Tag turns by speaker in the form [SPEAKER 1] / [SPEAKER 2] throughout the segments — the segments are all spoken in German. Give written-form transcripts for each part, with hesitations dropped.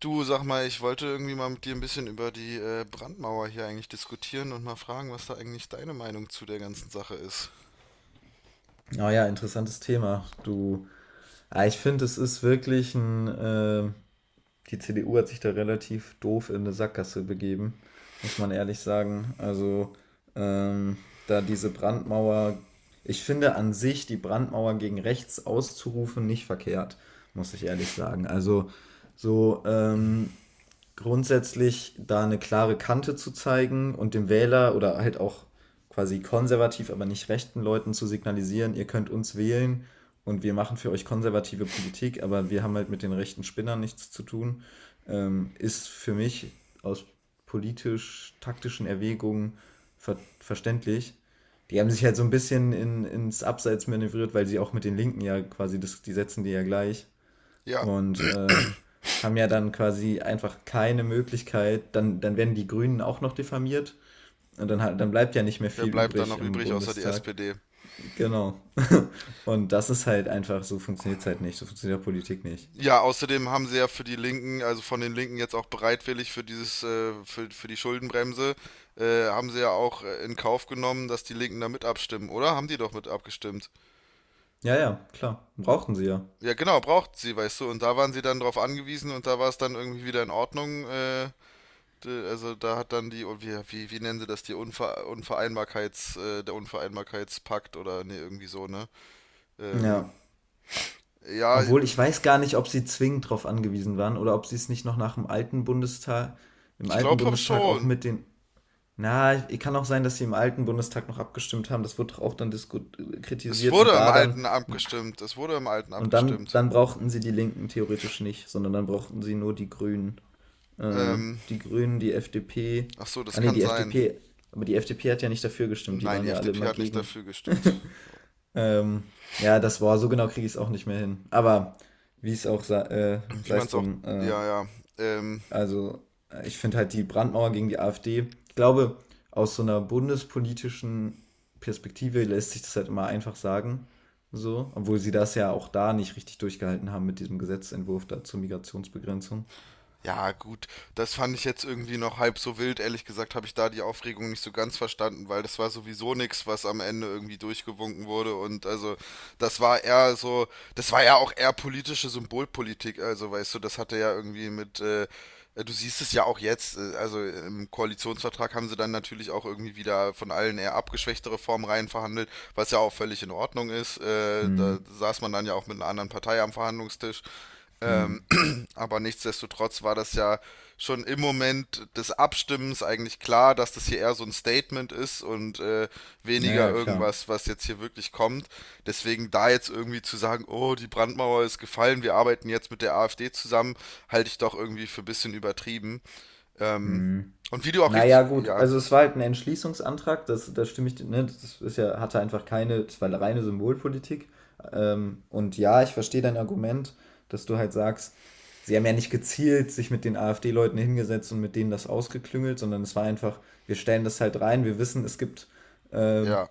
[SPEAKER 1] Du, sag mal, ich wollte irgendwie mal mit dir ein bisschen über die Brandmauer hier eigentlich diskutieren und mal fragen, was da eigentlich deine Meinung zu der ganzen Sache ist.
[SPEAKER 2] Oh ja, interessantes Thema. Du, ich finde, es ist wirklich ein, die CDU hat sich da relativ doof in eine Sackgasse begeben, muss man ehrlich sagen. Also, ähm, da diese Brandmauer, ich finde an sich die Brandmauer gegen rechts auszurufen nicht verkehrt, muss ich ehrlich sagen. Also, so, grundsätzlich da eine klare Kante zu zeigen und dem Wähler oder halt auch quasi konservativ, aber nicht rechten Leuten zu signalisieren, ihr könnt uns wählen und wir machen für euch konservative Politik, aber wir haben halt mit den rechten Spinnern nichts zu tun, ist für mich aus politisch-taktischen Erwägungen verständlich. Die haben sich halt so ein bisschen ins Abseits manövriert, weil sie auch mit den Linken ja quasi, das, die setzen die ja gleich,
[SPEAKER 1] Ja,
[SPEAKER 2] und haben ja dann quasi einfach keine Möglichkeit, dann werden die Grünen auch noch diffamiert, und dann, dann bleibt ja nicht mehr
[SPEAKER 1] wer
[SPEAKER 2] viel
[SPEAKER 1] bleibt da
[SPEAKER 2] übrig
[SPEAKER 1] noch
[SPEAKER 2] im
[SPEAKER 1] übrig außer die
[SPEAKER 2] Bundestag.
[SPEAKER 1] SPD?
[SPEAKER 2] Genau. Und das ist halt einfach, so funktioniert es halt nicht, so funktioniert Politik nicht.
[SPEAKER 1] Ja, außerdem haben sie ja für die Linken, also von den Linken jetzt auch bereitwillig für dieses, für die Schuldenbremse, haben sie ja auch in Kauf genommen, dass die Linken da mit abstimmen, oder? Haben die doch mit abgestimmt.
[SPEAKER 2] Ja, ja, klar, brauchten sie ja.
[SPEAKER 1] Ja, genau, braucht sie, weißt du, und da waren sie dann drauf angewiesen und da war es dann irgendwie wieder in Ordnung, also da hat dann die, und wie nennen sie das, die Unvereinbarkeits, der Unvereinbarkeitspakt oder nee, irgendwie so, ne? Ähm,
[SPEAKER 2] Ja.
[SPEAKER 1] ja,
[SPEAKER 2] Obwohl ich weiß gar nicht, ob sie zwingend darauf angewiesen waren oder ob sie es nicht noch nach dem alten Bundestag, im
[SPEAKER 1] ich
[SPEAKER 2] alten
[SPEAKER 1] glaube
[SPEAKER 2] Bundestag auch
[SPEAKER 1] schon.
[SPEAKER 2] mit den. Na, kann auch sein, dass sie im alten Bundestag noch abgestimmt haben. Das wird auch dann diskut
[SPEAKER 1] Es
[SPEAKER 2] kritisiert und
[SPEAKER 1] wurde im
[SPEAKER 2] da dann
[SPEAKER 1] Alten abgestimmt. Es wurde im Alten
[SPEAKER 2] und dann
[SPEAKER 1] abgestimmt.
[SPEAKER 2] dann brauchten sie die Linken theoretisch nicht, sondern dann brauchten sie nur die Grünen, äh,
[SPEAKER 1] Ähm,
[SPEAKER 2] die Grünen, die FDP.
[SPEAKER 1] Ach so,
[SPEAKER 2] Ah
[SPEAKER 1] das
[SPEAKER 2] nee,
[SPEAKER 1] kann
[SPEAKER 2] die
[SPEAKER 1] sein.
[SPEAKER 2] FDP. Aber die FDP hat ja nicht dafür gestimmt. Die
[SPEAKER 1] Nein,
[SPEAKER 2] waren
[SPEAKER 1] die
[SPEAKER 2] ja alle
[SPEAKER 1] FDP
[SPEAKER 2] immer
[SPEAKER 1] hat nicht
[SPEAKER 2] gegen.
[SPEAKER 1] dafür gestimmt.
[SPEAKER 2] Ähm, ja, das war so, genau kriege ich es auch nicht mehr hin. Aber wie es auch sei,
[SPEAKER 1] Wie
[SPEAKER 2] sei
[SPEAKER 1] man
[SPEAKER 2] es
[SPEAKER 1] es auch,
[SPEAKER 2] drum.
[SPEAKER 1] Ja, ja. Ähm,
[SPEAKER 2] Also, ich finde halt die Brandmauer gegen die AfD, ich glaube, aus so einer bundespolitischen Perspektive lässt sich das halt immer einfach sagen. So, obwohl sie das ja auch da nicht richtig durchgehalten haben mit diesem Gesetzentwurf da zur Migrationsbegrenzung.
[SPEAKER 1] Ja, gut, das fand ich jetzt irgendwie noch halb so wild. Ehrlich gesagt habe ich da die Aufregung nicht so ganz verstanden, weil das war sowieso nix, was am Ende irgendwie durchgewunken wurde. Und also, das war eher so, das war ja auch eher politische Symbolpolitik. Also, weißt du, das hatte ja irgendwie mit, du siehst es ja auch jetzt, also im Koalitionsvertrag haben sie dann natürlich auch irgendwie wieder von allen eher abgeschwächte Reformen rein verhandelt, was ja auch völlig in Ordnung ist.
[SPEAKER 2] Hm,
[SPEAKER 1] Da saß man dann ja auch mit einer anderen Partei am Verhandlungstisch.
[SPEAKER 2] hm.
[SPEAKER 1] Ähm, aber nichtsdestotrotz war das ja schon im Moment des Abstimmens eigentlich klar, dass das hier eher so ein Statement ist und weniger
[SPEAKER 2] Naja, klar.
[SPEAKER 1] irgendwas, was jetzt hier wirklich kommt. Deswegen da jetzt irgendwie zu sagen, oh, die Brandmauer ist gefallen, wir arbeiten jetzt mit der AfD zusammen, halte ich doch irgendwie für ein bisschen übertrieben. Ähm,
[SPEAKER 2] Hm.
[SPEAKER 1] und wie du auch
[SPEAKER 2] Naja,
[SPEAKER 1] richtig,
[SPEAKER 2] gut,
[SPEAKER 1] ja,
[SPEAKER 2] also es war halt ein Entschließungsantrag, das, das stimme ich, ne, das ist ja, hatte einfach keine, es war reine Symbolpolitik. Und ja, ich verstehe dein Argument, dass du halt sagst, sie haben ja nicht gezielt sich mit den AfD-Leuten hingesetzt und mit denen das ausgeklüngelt, sondern es war einfach, wir stellen das halt rein, wir wissen, es gibt ähm,
[SPEAKER 1] ja,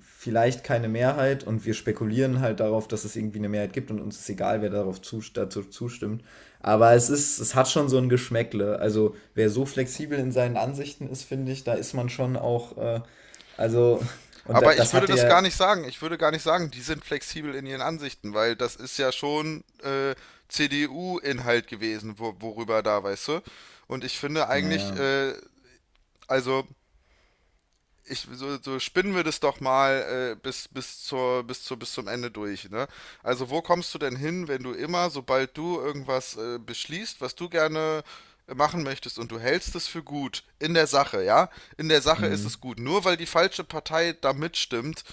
[SPEAKER 2] vielleicht keine Mehrheit, und wir spekulieren halt darauf, dass es irgendwie eine Mehrheit gibt und uns ist egal, wer darauf zu, dazu zustimmt. Aber es ist, es hat schon so ein Geschmäckle. Also wer so flexibel in seinen Ansichten ist, finde ich, da ist man schon auch, also, und da,
[SPEAKER 1] Aber ich
[SPEAKER 2] das
[SPEAKER 1] würde
[SPEAKER 2] hatte
[SPEAKER 1] das
[SPEAKER 2] ja,
[SPEAKER 1] gar nicht sagen. Ich würde gar nicht sagen, die sind flexibel in ihren Ansichten, weil das ist ja schon CDU-Inhalt gewesen, wo, worüber da, weißt du? Und ich finde eigentlich,
[SPEAKER 2] naja,
[SPEAKER 1] also so, so spinnen wir das doch mal bis zum Ende durch, ne? Also wo kommst du denn hin, wenn du immer, sobald du irgendwas beschließt, was du gerne machen möchtest und du hältst es für gut in der Sache, ja? In der Sache ist
[SPEAKER 2] hm,
[SPEAKER 1] es gut. Nur weil die falsche Partei da mitstimmt,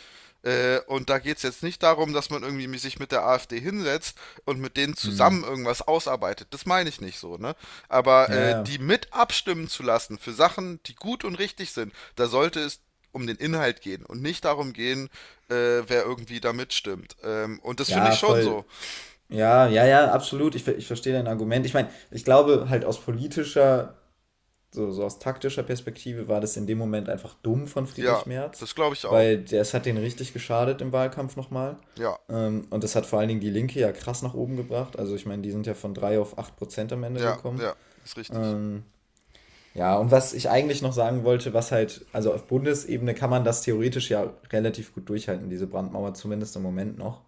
[SPEAKER 1] und da geht es jetzt nicht darum, dass man irgendwie sich mit der AfD hinsetzt und mit denen zusammen
[SPEAKER 2] hm,
[SPEAKER 1] irgendwas ausarbeitet. Das meine ich nicht so, ne? Aber
[SPEAKER 2] ja, ja,
[SPEAKER 1] die mit abstimmen zu lassen für Sachen, die gut und richtig sind, da sollte es um den Inhalt gehen und nicht darum gehen, äh, wer irgendwie da mitstimmt. Und das finde ich
[SPEAKER 2] ja,
[SPEAKER 1] schon
[SPEAKER 2] voll,
[SPEAKER 1] so.
[SPEAKER 2] ja, ja, ja, absolut, ich verstehe dein Argument. Ich meine, ich glaube halt aus politischer. So, so aus taktischer Perspektive war das in dem Moment einfach dumm von
[SPEAKER 1] Ja,
[SPEAKER 2] Friedrich Merz,
[SPEAKER 1] das glaube ich auch.
[SPEAKER 2] weil es hat den richtig geschadet im Wahlkampf nochmal.
[SPEAKER 1] Ja,
[SPEAKER 2] Und das hat vor allen Dingen die Linke ja krass nach oben gebracht. Also ich meine, die sind ja von 3 auf 8% am Ende
[SPEAKER 1] ja,
[SPEAKER 2] gekommen.
[SPEAKER 1] ja, ist richtig.
[SPEAKER 2] Ähm, ja, und was ich eigentlich noch sagen wollte, was halt, also auf Bundesebene kann man das theoretisch ja relativ gut durchhalten, diese Brandmauer zumindest im Moment noch.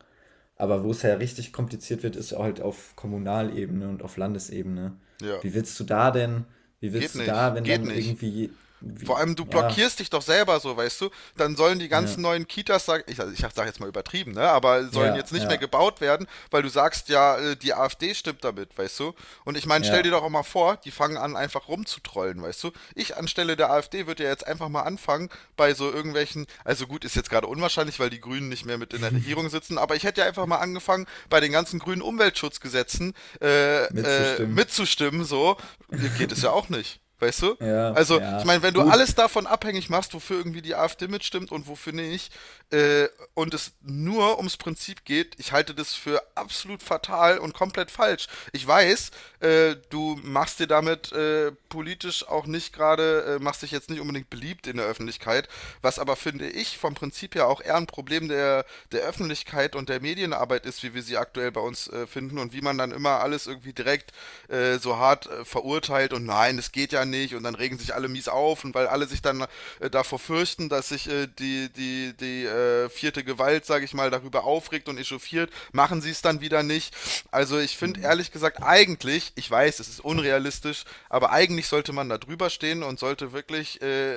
[SPEAKER 2] Aber wo es ja richtig kompliziert wird, ist halt auf Kommunalebene und auf Landesebene.
[SPEAKER 1] Ja,
[SPEAKER 2] Wie willst du da denn, wie
[SPEAKER 1] geht
[SPEAKER 2] willst du da,
[SPEAKER 1] nicht,
[SPEAKER 2] wenn
[SPEAKER 1] geht
[SPEAKER 2] dann
[SPEAKER 1] nicht.
[SPEAKER 2] irgendwie,
[SPEAKER 1] Vor
[SPEAKER 2] wie,
[SPEAKER 1] allem, du
[SPEAKER 2] ja,
[SPEAKER 1] blockierst dich doch selber so, weißt du? Dann sollen die ganzen
[SPEAKER 2] ja,
[SPEAKER 1] neuen Kitas, also ich sag jetzt mal übertrieben, ne? Aber sollen
[SPEAKER 2] ja,
[SPEAKER 1] jetzt nicht mehr
[SPEAKER 2] ja,
[SPEAKER 1] gebaut werden, weil du sagst, ja, die AfD stimmt damit, weißt du? Und ich meine, stell dir
[SPEAKER 2] ja,
[SPEAKER 1] doch auch mal vor, die fangen an, einfach rumzutrollen, weißt du? Ich anstelle der AfD würde ja jetzt einfach mal anfangen, bei so irgendwelchen, also gut, ist jetzt gerade unwahrscheinlich, weil die Grünen nicht mehr mit in der Regierung sitzen, aber ich hätte ja einfach mal angefangen, bei den ganzen grünen Umweltschutzgesetzen äh,
[SPEAKER 2] mitzustimmen.
[SPEAKER 1] mitzustimmen, so, geht es ja auch nicht, weißt du?
[SPEAKER 2] Ja,
[SPEAKER 1] Also, ich
[SPEAKER 2] ja,
[SPEAKER 1] meine, wenn du
[SPEAKER 2] gut.
[SPEAKER 1] alles davon abhängig machst, wofür irgendwie die AfD mitstimmt und wofür nicht, und es nur ums Prinzip geht, ich halte das für absolut fatal und komplett falsch. Ich weiß, du machst dir damit politisch auch nicht gerade, machst dich jetzt nicht unbedingt beliebt in der Öffentlichkeit, was aber, finde ich, vom Prinzip her auch eher ein Problem der Öffentlichkeit und der Medienarbeit ist, wie wir sie aktuell bei uns finden und wie man dann immer alles irgendwie direkt so hart verurteilt und nein, das geht ja nicht und dann regen sich alle mies auf und weil alle sich dann davor fürchten, dass sich die vierte Gewalt, sage ich mal, darüber aufregt und echauffiert, machen sie es dann wieder nicht. Also ich finde
[SPEAKER 2] Hm.
[SPEAKER 1] ehrlich gesagt eigentlich, ich weiß, es ist unrealistisch, aber eigentlich sollte man da drüber stehen und sollte wirklich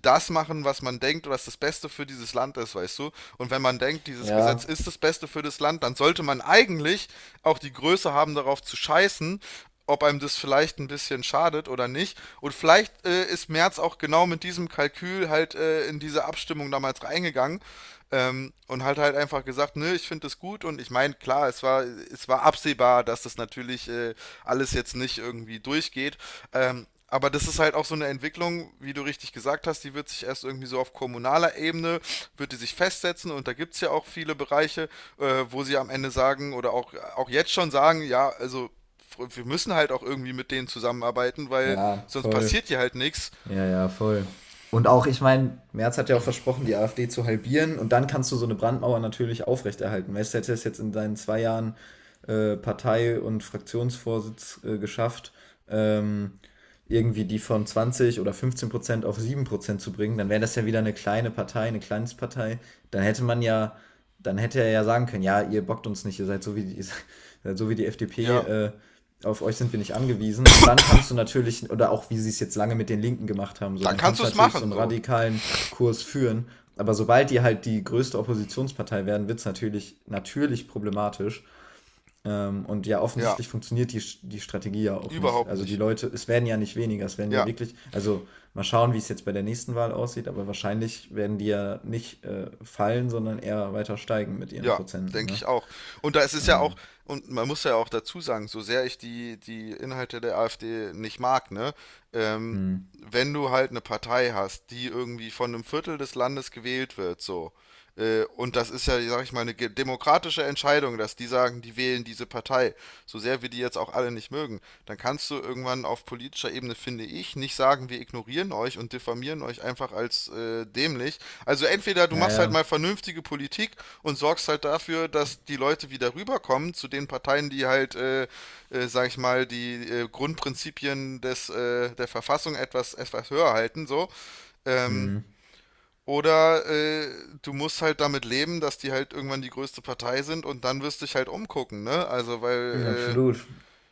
[SPEAKER 1] das machen, was man denkt, was das Beste für dieses Land ist, weißt du? Und wenn man denkt, dieses Gesetz
[SPEAKER 2] Ja,
[SPEAKER 1] ist das Beste für das Land, dann sollte man eigentlich auch die Größe haben, darauf zu scheißen, ob einem das vielleicht ein bisschen schadet oder nicht. Und vielleicht ist Merz auch genau mit diesem Kalkül halt in diese Abstimmung damals reingegangen und hat halt einfach gesagt, nö, ich finde es gut und ich meine, klar, es war absehbar, dass das natürlich alles jetzt nicht irgendwie durchgeht. Aber das ist halt auch so eine Entwicklung, wie du richtig gesagt hast, die wird sich erst irgendwie so auf kommunaler Ebene, wird die sich festsetzen und da gibt es ja auch viele Bereiche, wo sie am Ende sagen oder auch, auch jetzt schon sagen, ja, also wir müssen halt auch irgendwie mit denen zusammenarbeiten, weil
[SPEAKER 2] ja,
[SPEAKER 1] sonst
[SPEAKER 2] voll.
[SPEAKER 1] passiert hier halt nichts.
[SPEAKER 2] Ja, ja, voll. Und auch, ich meine, Merz hat ja auch versprochen, die AfD zu halbieren, und dann kannst du so eine Brandmauer natürlich aufrechterhalten. Weißt du, hätte es jetzt in seinen 2 Jahren Partei- und Fraktionsvorsitz geschafft, ähm, irgendwie die von 20 oder 15% auf 7% zu bringen, dann wäre das ja wieder eine kleine Partei, eine Kleinstpartei. Dann hätte man ja, dann hätte er ja sagen können, ja, ihr bockt uns nicht, ihr seid so wie die, ihr seid so wie die FDP,
[SPEAKER 1] Ja,
[SPEAKER 2] auf euch sind wir nicht angewiesen. Und dann kannst du natürlich, oder auch wie sie es jetzt lange mit den Linken gemacht haben, so,
[SPEAKER 1] dann
[SPEAKER 2] dann
[SPEAKER 1] kannst
[SPEAKER 2] kannst
[SPEAKER 1] du
[SPEAKER 2] du
[SPEAKER 1] es
[SPEAKER 2] natürlich so
[SPEAKER 1] machen,
[SPEAKER 2] einen
[SPEAKER 1] so.
[SPEAKER 2] radikalen Kurs führen. Aber sobald die halt die größte Oppositionspartei werden, wird es natürlich, natürlich problematisch. Und ja,
[SPEAKER 1] Ja,
[SPEAKER 2] offensichtlich funktioniert die Strategie ja auch nicht.
[SPEAKER 1] überhaupt
[SPEAKER 2] Also die
[SPEAKER 1] nicht.
[SPEAKER 2] Leute, es werden ja nicht weniger, es werden ja
[SPEAKER 1] Ja.
[SPEAKER 2] wirklich, also mal schauen, wie es jetzt bei der nächsten Wahl aussieht, aber wahrscheinlich werden die ja nicht fallen, sondern eher weiter steigen mit ihren
[SPEAKER 1] Ja,
[SPEAKER 2] Prozenten.
[SPEAKER 1] denke
[SPEAKER 2] Ne?
[SPEAKER 1] ich auch. Und da ist es ja auch,
[SPEAKER 2] Ähm,
[SPEAKER 1] und man muss ja auch dazu sagen, so sehr ich die Inhalte der AfD nicht mag, ne, ähm,
[SPEAKER 2] hm.
[SPEAKER 1] wenn du halt eine Partei hast, die irgendwie von einem Viertel des Landes gewählt wird, so, und das ist ja, sag ich mal, eine demokratische Entscheidung, dass die sagen, die wählen diese Partei, so sehr wir die jetzt auch alle nicht mögen, dann kannst du irgendwann auf politischer Ebene, finde ich, nicht sagen, wir ignorieren euch und diffamieren euch einfach als dämlich. Also entweder du machst halt mal
[SPEAKER 2] Naja,
[SPEAKER 1] vernünftige Politik und sorgst halt dafür, dass die Leute wieder rüberkommen zu den Parteien, die halt, sag ich mal, die Grundprinzipien der Verfassung etwas höher halten, so. Ähm,
[SPEAKER 2] hm.
[SPEAKER 1] oder du musst halt damit leben, dass die halt irgendwann die größte Partei sind und dann wirst du dich halt umgucken, ne? Also, weil,
[SPEAKER 2] Absolut.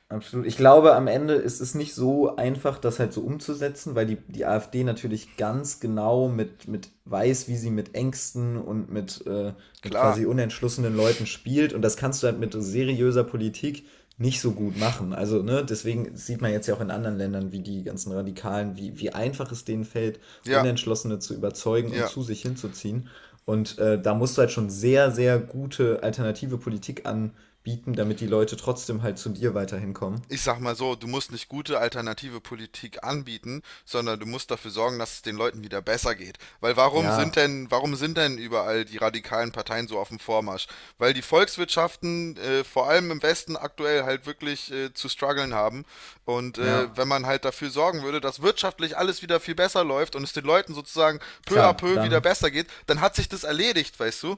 [SPEAKER 2] Absolut. Ich glaube, am Ende ist es nicht so einfach, das halt so umzusetzen, weil die AfD natürlich ganz genau mit weiß, wie sie mit Ängsten und mit
[SPEAKER 1] klar,
[SPEAKER 2] quasi unentschlossenen Leuten spielt. Und das kannst du halt mit seriöser Politik nicht so gut machen. Also, ne, deswegen sieht man jetzt ja auch in anderen Ländern, wie die ganzen Radikalen, wie, wie einfach es denen fällt,
[SPEAKER 1] ja,
[SPEAKER 2] Unentschlossene zu überzeugen und
[SPEAKER 1] ja.
[SPEAKER 2] zu sich hinzuziehen. Und da musst du halt schon sehr, sehr gute alternative Politik an bieten, damit die Leute trotzdem halt zu dir weiterhin kommen.
[SPEAKER 1] Ich sag mal so, du musst nicht gute alternative Politik anbieten, sondern du musst dafür sorgen, dass es den Leuten wieder besser geht. Weil
[SPEAKER 2] Ja,
[SPEAKER 1] warum sind denn überall die radikalen Parteien so auf dem Vormarsch? Weil die Volkswirtschaften vor allem im Westen aktuell halt wirklich zu strugglen haben. Und
[SPEAKER 2] ja,
[SPEAKER 1] wenn man halt dafür sorgen würde, dass wirtschaftlich alles wieder viel besser läuft und es den Leuten sozusagen peu à
[SPEAKER 2] klar,
[SPEAKER 1] peu wieder
[SPEAKER 2] dann,
[SPEAKER 1] besser geht, dann hat sich das erledigt, weißt du?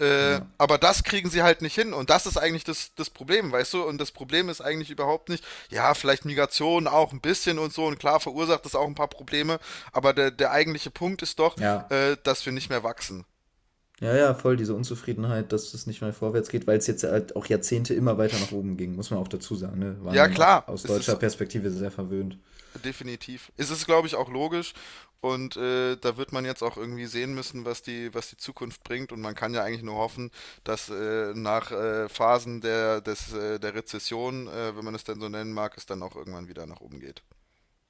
[SPEAKER 2] ja,
[SPEAKER 1] Aber das kriegen sie halt nicht hin. Und das ist eigentlich das Problem, weißt du? Und das Problem ist eigentlich überhaupt nicht, ja, vielleicht Migration auch ein bisschen und so. Und klar verursacht das auch ein paar Probleme. Aber der eigentliche Punkt ist doch,
[SPEAKER 2] ja.
[SPEAKER 1] dass wir nicht mehr wachsen.
[SPEAKER 2] Ja, ja, voll diese Unzufriedenheit, dass es nicht mehr vorwärts geht, weil es jetzt halt auch Jahrzehnte immer weiter nach oben ging, muss man auch dazu sagen. Ne? Waren
[SPEAKER 1] Ja,
[SPEAKER 2] dann auch
[SPEAKER 1] klar,
[SPEAKER 2] aus
[SPEAKER 1] es ist
[SPEAKER 2] deutscher Perspektive sehr verwöhnt.
[SPEAKER 1] definitiv. Es ist, glaube ich, auch logisch. Und da wird man jetzt auch irgendwie sehen müssen, was die Zukunft bringt. Und man kann ja eigentlich nur hoffen, dass nach Phasen der Rezession, wenn man es denn so nennen mag, es dann auch irgendwann wieder nach oben geht.